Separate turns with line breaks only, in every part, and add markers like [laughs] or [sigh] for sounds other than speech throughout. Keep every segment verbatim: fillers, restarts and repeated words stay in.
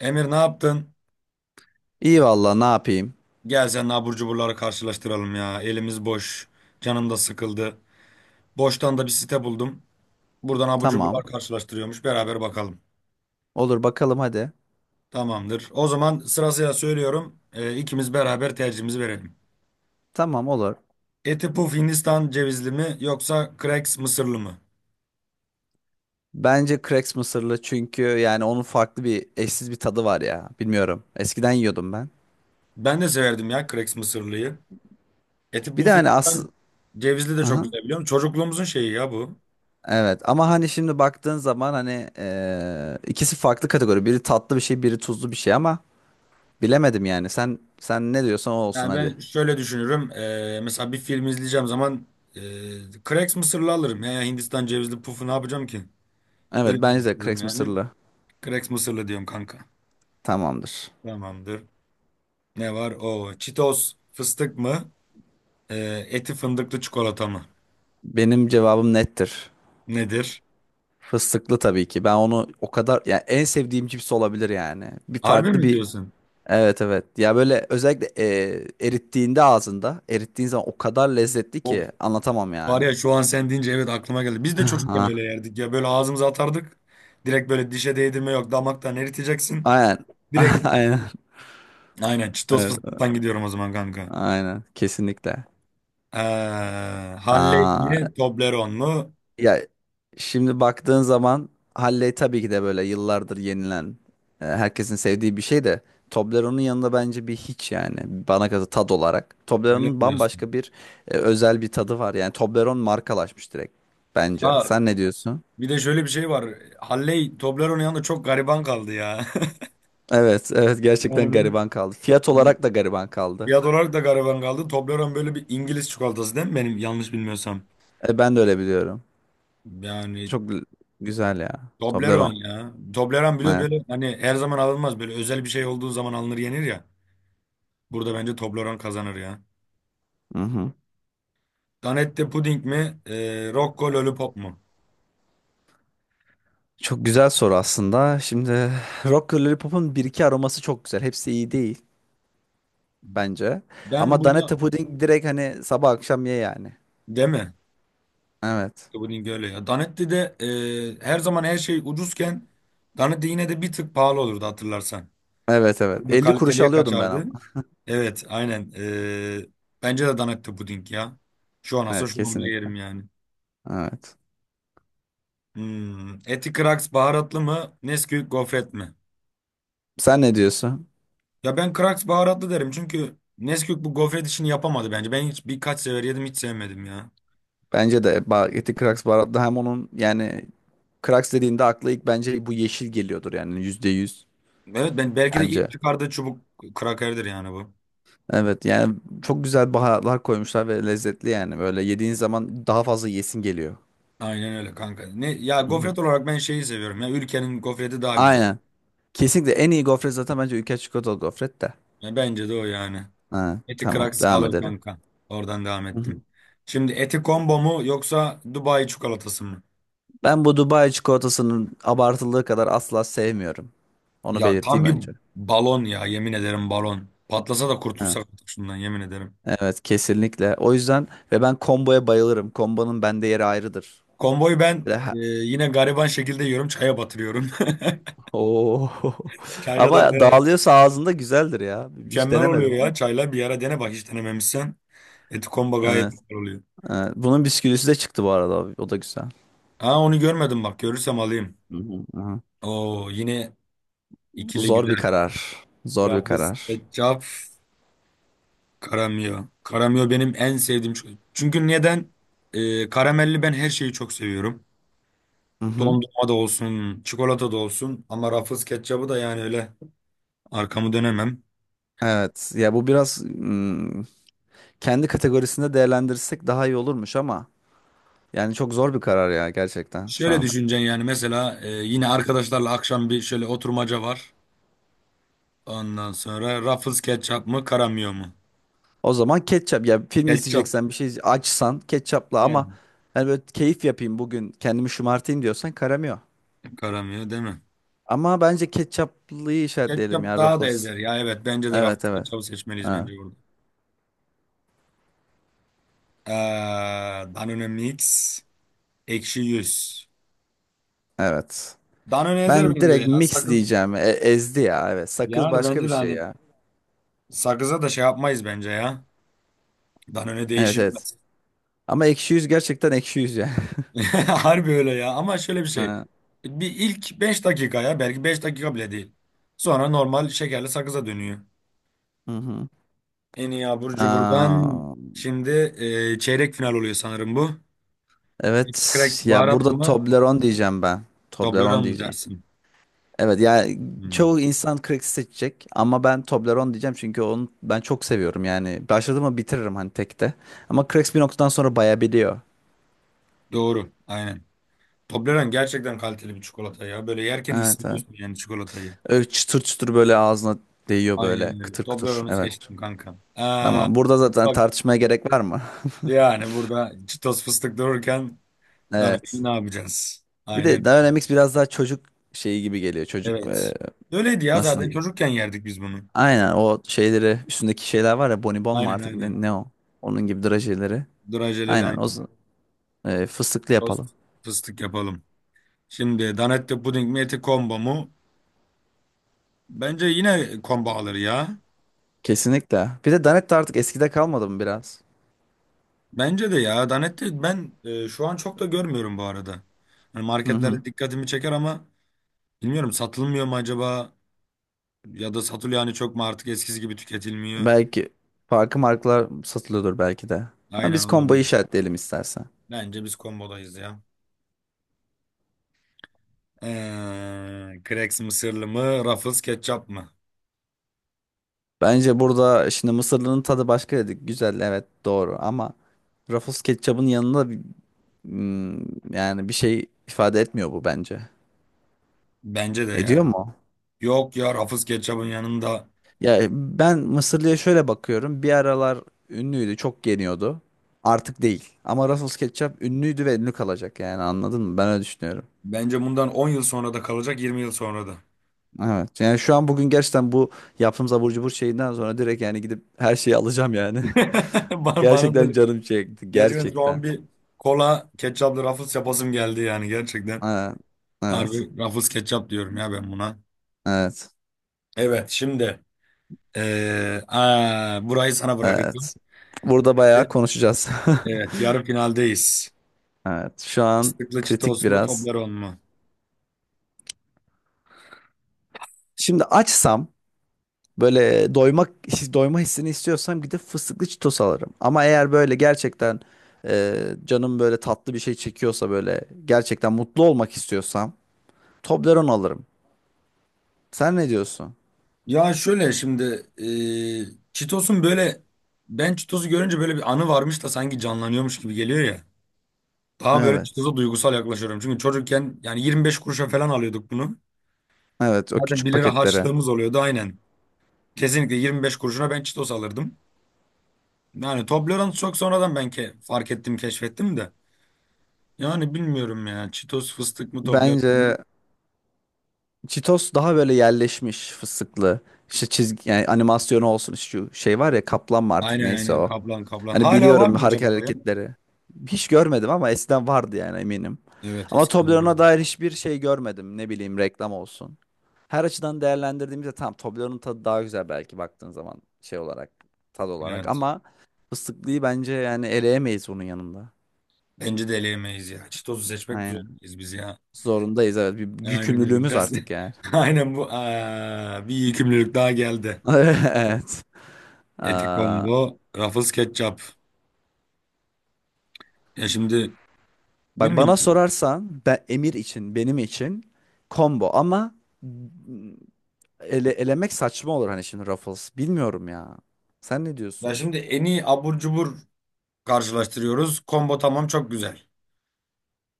Emir ne yaptın?
İyi valla ne yapayım?
Gel sen abur cuburları karşılaştıralım ya. Elimiz boş. Canım da sıkıldı. Boştan da bir site buldum. Buradan abur cuburlar
Tamam.
karşılaştırıyormuş. Beraber bakalım.
Olur bakalım hadi.
Tamamdır. O zaman sırasıyla söylüyorum. Ee, ikimiz beraber tercihimizi verelim.
Tamam olur.
Eti Puf Hindistan cevizli mi yoksa Cracks mısırlı mı?
Bence Cracks mısırlı çünkü yani onun farklı bir eşsiz bir tadı var ya. Bilmiyorum. Eskiden yiyordum ben.
Ben de severdim ya Cracks mısırlıyı. Eti
Bir de
Puf
hani asıl...
Hindistan cevizli de çok
Aha.
güzel biliyorum. Çocukluğumuzun şeyi ya bu.
Evet ama hani şimdi baktığın zaman hani eee, ikisi farklı kategori. Biri tatlı bir şey, biri tuzlu bir şey ama bilemedim yani. Sen sen ne diyorsan o olsun
Yani
hadi.
ben şöyle düşünürüm. Eee, mesela bir film izleyeceğim zaman eee Cracks mısırlı alırım. Ya, ya Hindistan cevizli pufu ne yapacağım ki?
Evet
Öyle
bence de
düşünürüm
Cracks
yani.
mısırlı.
Cracks mısırlı diyorum kanka.
Tamamdır.
Tamamdır. Ne var? O Cheetos fıstık mı? Eee, eti fındıklı çikolata mı?
Benim cevabım nettir.
Nedir?
Fıstıklı tabii ki. Ben onu o kadar yani en sevdiğim cips olabilir yani. Bir
Harbi
farklı
mi
bir
diyorsun?
evet evet. Ya böyle özellikle e, erittiğinde ağzında erittiğin zaman o kadar lezzetli
Of.
ki anlatamam
Var
yani.
ya şu an sen deyince evet aklıma geldi. Biz de
[laughs]
çocukken
Ha.
öyle yerdik ya. Böyle ağzımıza atardık. Direkt böyle dişe değdirme yok. Damaktan eriteceksin.
Aynen.
Direkt
[laughs] Aynen.
aynen Cheetos
Evet, evet.
fıstıktan gidiyorum o zaman kanka.
Aynen. Kesinlikle.
Ee, Halley
Aa.
mi, Toblerone mu?
Ya şimdi baktığın zaman Halley tabii ki de böyle yıllardır yenilen, e, herkesin sevdiği bir şey de Toblerone'un yanında bence bir hiç yani bana kalırsa tad olarak.
Öyle mi
Toblerone'un
diyorsun?
bambaşka bir e, özel bir tadı var. Yani Toblerone markalaşmış direkt bence.
Ha,
Sen ne diyorsun?
bir de şöyle bir şey var. Halley, Toblerone yanında çok gariban kaldı ya. [laughs]
Evet, evet
Yani
gerçekten
böyle
gariban kaldı. Fiyat olarak da gariban kaldı.
fiyat olarak da gariban kaldı. Toblerone böyle bir İngiliz çikolatası değil mi benim yanlış bilmiyorsam?
E, ben de öyle biliyorum.
Yani
Çok l- Güzel ya. Toblerone.
Toblerone ya. Toblerone bile
Evet.
böyle hani her zaman alınmaz. Böyle özel bir şey olduğu zaman alınır yenir ya. Burada bence Toblerone kazanır ya.
Mhm.
Danette puding mi? E, Rocco Lollipop mu?
Çok güzel soru aslında. Şimdi Rocker Lollipop'un bir iki aroması çok güzel. Hepsi iyi değil bence.
Ben
Ama
burada
Danette Pudding direkt hani sabah akşam ye yani.
değil mi?
Evet.
Dublin öyle ya. Danetti'de e, her zaman her şey ucuzken Danetti yine de bir tık pahalı olurdu hatırlarsan.
Evet evet.
Böyle
Elli kuruşa
kaliteliye
alıyordum ben
kaçardı.
ama.
Evet aynen. E, bence de Danetti puding ya. Şu an olsa
Evet
şu an bile
kesinlikle.
yerim yani.
Evet.
Hmm. Eti Kraks baharatlı mı? Nesquik gofret mi?
Sen ne diyorsun?
Ya ben Kraks baharatlı derim çünkü Nesquik bu gofret işini yapamadı bence. Ben hiç birkaç sefer yedim hiç sevmedim ya.
Bence de Bageti Kraks baharatlı hem onun yani Kraks dediğinde akla ilk bence bu yeşil geliyordur yani yüzde yüz
Evet ben belki de ilk
bence.
çıkardığı çubuk krakerdir yani bu.
Evet yani çok güzel baharatlar koymuşlar ve lezzetli yani böyle yediğin zaman daha fazla yesin geliyor.
Aynen öyle kanka. Ne ya,
Hı hı.
gofret olarak ben şeyi seviyorum ya. Ülkenin gofreti daha güzel.
Aynen. Kesinlikle en iyi gofret zaten bence ülke çikolatalı gofret de.
Ya bence de o yani.
Ha,
Eti
tamam
Kraks
devam
alır
edelim.
kanka. Oradan devam
[laughs] Hı
ettim.
hı.
Şimdi Eti Combo mu yoksa Dubai çikolatası mı?
Ben bu Dubai çikolatasının abartıldığı kadar asla sevmiyorum. Onu
Ya tam
belirteyim
bir
önce.
balon ya yemin ederim, balon. Patlasa da
Ha.
kurtulsak artık şundan yemin ederim.
Evet kesinlikle. O yüzden ve ben komboya bayılırım. Kombonun bende yeri ayrıdır.
Komboyu ben
Ve ha-
e, yine gariban şekilde yiyorum, çaya batırıyorum. [laughs]
Oo. [laughs]
Çayla da
Ama
böyle
dağılıyorsa ağzında güzeldir ya. Hiç
mükemmel oluyor
denemedim ama.
ya. Çayla bir ara dene bak hiç denememişsen. Eti Combo gayet
Evet,
güzel oluyor.
evet. Bunun bisküvisi de çıktı bu arada. O da güzel.
Ha, onu görmedim, bak görürsem alayım.
Hı hı, hı
Oo, yine ikili
Zor bir
güzel.
karar. Zor bir
Rafa
karar.
Secap, Karamio. Karamio benim en sevdiğim. ço- Çünkü neden? Ee, karamelli ben her şeyi çok seviyorum.
Hı hı.
Dondurma da olsun, çikolata da olsun. Ama Ruffles ketçabı da yani, öyle arkamı dönemem.
Evet ya bu biraz hmm, kendi kategorisinde değerlendirirsek daha iyi olurmuş ama yani çok zor bir karar ya gerçekten şu
Şöyle
an.
düşüneceksin yani, mesela e, yine arkadaşlarla akşam bir şöyle oturmaca var. Ondan sonra Ruffles ketçap mı, Karamio mu?
O zaman ketçap ya film
Ketçap.
izleyeceksen bir şey izle- açsan ketçapla ama
Aynen.
hani böyle keyif yapayım bugün kendimi şımartayım diyorsan karamıyor.
Karamio değil mi?
Ama bence ketçaplıyı işaretleyelim
Ketçap
ya
daha da
Ruffles.
ezer ya, evet bence de
Evet
Ruffles
evet.
ketçabı seçmeliyiz
Ha,
bence burada. Ee, Danone Mix ekşi yüz.
evet.
Danone ezer
Ben
bence
direkt
ya.
mix
Sakız,
diyeceğim. E- ezdi ya evet. Sakız
yani
başka bir
bence de
şey
hani
ya.
sakıza da şey yapmayız bence ya. Danone
Evet evet.
değişilmez.
Ama ekşi yüz gerçekten ekşi yüz ya. [laughs]
[laughs] Harbi öyle ya, ama şöyle bir şey.
Ha.
Bir ilk beş dakika ya, belki beş dakika bile değil. Sonra normal şekerli sakıza dönüyor.
Hı hı.
En iyi abur cuburdan
Aa,
şimdi e, çeyrek final oluyor sanırım bu.
evet
Cracked
ya
baharatlı
burada
mı?
Toblerone diyeceğim ben. Toblerone
Toblerone mu
diyeceğim.
dersin?
Evet ya
Hmm.
çoğu insan Crex'i seçecek ama ben Toblerone diyeceğim çünkü onu ben çok seviyorum yani. Başladım mı bitiririm hani tekte. Ama Crex bir noktadan sonra bayabiliyor.
Doğru, aynen. Toblerone gerçekten kaliteli bir çikolata ya. Böyle yerken
Evet evet.
hissediyorsun yani çikolatayı.
Öyle çıtır çıtır böyle ağzına değiyor böyle
Aynen öyle.
kıtır kıtır.
Toblerone'u
Evet.
seçtim kanka. Aa,
Tamam burada zaten
bak
tartışmaya gerek var mı? [laughs]
yani burada Cheetos fıstık dururken
Evet.
Danone'yi ne yapacağız?
Bir
Aynen
de
öyle.
Dynamics biraz daha çocuk şeyi gibi geliyor. Çocuk
Evet.
e,
Öyleydi ya,
nasıl
zaten
diyeyim?
çocukken yerdik biz bunu.
Aynen o şeyleri üstündeki şeyler var ya bonibon mu
Aynen
artık ne,
aynen.
ne o? Onun gibi drajeleri.
Drajeleri
Aynen o
aynen.
z- e, Fıstıklı
Tost
yapalım.
fıstık yapalım. Şimdi Danette puding mi, eti combo mu? Bence yine combo alır ya.
Kesinlikle. Bir de Danette artık eskide kalmadı mı biraz?
Bence de ya. Danette ben e, şu an çok da görmüyorum bu arada. Hani
Hı hı.
marketlerde dikkatimi çeker ama bilmiyorum, satılmıyor mu acaba? Ya da satılıyor hani, çok mu artık eskisi gibi tüketilmiyor?
Belki farklı markalar satılıyordur belki de. Ama
Aynen,
biz komboyu
olabilir.
işaretleyelim istersen.
Bence biz kombodayız ya. Ee, Crex'in mısırlı mı? Ruffles ketçap mı?
Bence burada şimdi mısırlının tadı başka dedik. Güzel evet doğru ama Ruffles ketçabın yanında bir- hmm, yani bir şey ifade etmiyor bu bence.
Bence de ya.
Ediyor mu?
Yok ya, Ruffles ketçabın yanında.
Ya e, ben Mısırlı'ya şöyle bakıyorum. Bir aralar ünlüydü, çok yeniyordu. Artık değil. Ama Russell Ketchup ünlüydü ve ünlü kalacak yani anladın mı? Ben öyle düşünüyorum.
Bence bundan on yıl sonra da kalacak, yirmi yıl sonra da.
Evet. Yani şu an bugün gerçekten bu yaptığımız abur cubur şeyinden sonra direkt yani gidip her şeyi alacağım yani.
[laughs]
[laughs]
Bana, bana
Gerçekten
da
canım çekti.
gerçekten şu an
Gerçekten.
bir kola ketçaplı Ruffles yapasım geldi yani, gerçekten.
Evet. Evet.
Harbi Ruffles ketçap diyorum ya ben buna.
Evet.
Evet şimdi Ee, aa, burayı sana bırakacağım.
Evet. Burada bayağı konuşacağız. [laughs]
Evet, yarı finaldeyiz.
Evet. Şu an
Fıstıklı
kritik
Cheetos mu,
biraz.
Toblerone mu?
Şimdi açsam böyle doymak [laughs] doyma hissini istiyorsam gidip fıstıklı Cheetos alırım. Ama eğer böyle gerçekten e, canım böyle tatlı bir şey çekiyorsa böyle gerçekten mutlu olmak istiyorsam Toblerone alırım. Sen ne diyorsun?
Ya şöyle şimdi, e, Çitos'un böyle, ben Çitos'u görünce böyle bir anı varmış da sanki canlanıyormuş gibi geliyor ya. Daha böyle
Evet.
Çitos'a duygusal yaklaşıyorum. Çünkü çocukken yani yirmi beş kuruşa falan alıyorduk bunu.
Evet o
Zaten
küçük
bir lira
paketlere.
harçlığımız oluyordu aynen. Kesinlikle yirmi beş kuruşuna ben Çitos alırdım. Yani Toblerone çok sonradan ben ke fark ettim, keşfettim de. Yani bilmiyorum ya. Çitos fıstık mı, Toblerone mu?
Bence Cheetos daha böyle yerleşmiş fıstıklı. İşte çizgi yani animasyonu olsun şu şey var ya kaplan mı artık
Aynen
neyse
aynen,
o.
kaplan kaplan.
Hani
Hala var
biliyorum
mı acaba
hareket
o ya?
hareketleri. Hiç görmedim ama eskiden vardı yani eminim.
Evet
Ama
eskiden vardı.
Toblerone'a dair hiçbir şey görmedim. Ne bileyim reklam olsun. Her açıdan değerlendirdiğimizde tamam Toblerone'un tadı daha güzel belki baktığın zaman şey olarak tad olarak
Evet.
ama fıstıklıyı bence yani eleyemeyiz bunun yanında.
Bence de eleyemeyiz ya. Çitos'u seçmek
Aynen.
zorundayız biz ya.
Zorundayız evet. Bir
Aynen öyle
yükümlülüğümüz
biraz.
artık yani.
[laughs] Aynen bu. Aa, bir iyi daha geldi.
[laughs] Evet.
Eti
Aa,
combo, Ruffles ketçap. Ya şimdi
bak
bilmiyorum.
bana sorarsan ben Emir için benim için combo ama ele, elemek saçma olur hani şimdi Ruffles. Bilmiyorum ya. Sen ne
Ya
diyorsun?
şimdi en iyi abur cubur karşılaştırıyoruz. Combo tamam, çok güzel.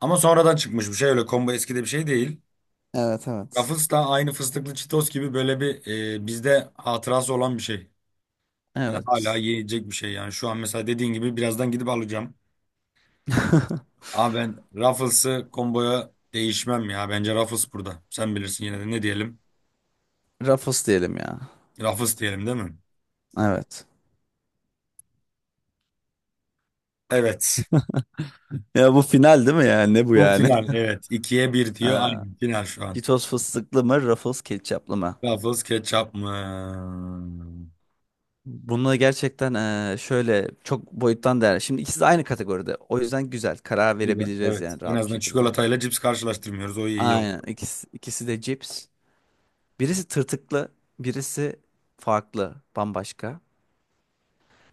Ama sonradan çıkmış bir şey öyle. Combo eski de bir şey değil.
Evet evet.
Rafız da aynı fıstıklı çitos gibi böyle bir, e, bizde hatırası olan bir şey. Yani hala
Evet.
yiyecek bir şey yani. Şu an mesela dediğin gibi birazdan gidip alacağım. Ama ben Ruffles'ı komboya değişmem ya. Bence Ruffles burada. Sen bilirsin, yine de ne diyelim?
Ruffles diyelim ya.
Ruffles diyelim değil mi?
Evet.
Evet.
Ya bu final değil mi yani? Ne bu
Bu
yani?
final
[laughs]
evet. ikiye bir diyor.
Ha,
Aynı final şu an.
Cheetos fıstıklı mı, Ruffles ketçaplı mı?
Ruffles ketçap mı?
Bunu gerçekten eee, şöyle çok boyuttan değerli. Şimdi ikisi de aynı kategoride. O yüzden güzel. Karar
Güzel.
verebileceğiz
Evet.
yani
En
rahat bir
azından
şekilde.
çikolatayla cips karşılaştırmıyoruz. O iyi oldu.
Aynen. İkisi, ikisi de cips. Birisi tırtıklı, birisi farklı, bambaşka.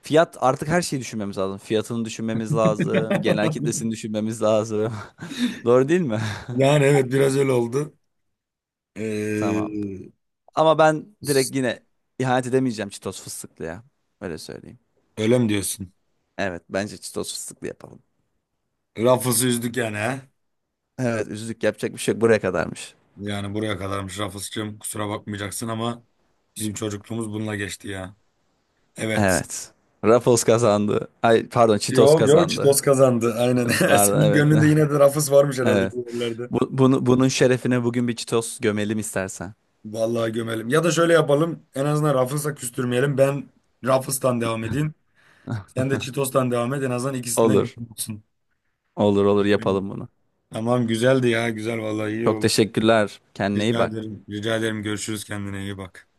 Fiyat artık her şeyi düşünmemiz lazım. Fiyatını düşünmemiz lazım. Genel
[laughs]
kitlesini düşünmemiz lazım. [laughs] Doğru değil mi?
Yani evet, biraz öyle oldu.
[laughs] Tamam.
Ee,
Ama ben direkt yine ihanet edemeyeceğim Çitos fıstıklıya. Öyle söyleyeyim.
Öyle mi diyorsun?
Evet bence Çitos fıstıklı yapalım.
Rafız'ı üzdük yani, he?
Evet üzüldük yapacak bir şey yok. Buraya kadarmış.
Yani buraya kadarmış Rafız'cığım, kusura bakmayacaksın ama bizim çocukluğumuz bununla geçti ya. Evet.
Evet. Ruffles kazandı. Ay pardon Çitos
Yok yok,
kazandı.
Çitos kazandı aynen. [laughs]
Pardon
Senin
evet.
gönlünde yine de
[laughs]
Rafız varmış herhalde
Evet.
bu yerlerde.
Bu, bunu, bunun şerefine bugün bir Çitos gömelim istersen.
Vallahi gömelim. Ya da şöyle yapalım, en azından Rafız'la küstürmeyelim. Ben Rafız'tan devam edeyim. Sen de Çitos'tan devam et, en azından ikisinde
Olur.
gönlün olsun.
Olur olur yapalım bunu.
Tamam, güzeldi ya, güzel vallahi, iyi
Çok
oldu.
teşekkürler. Kendine iyi
Rica
bak.
ederim. Rica ederim, görüşürüz, kendine iyi bak.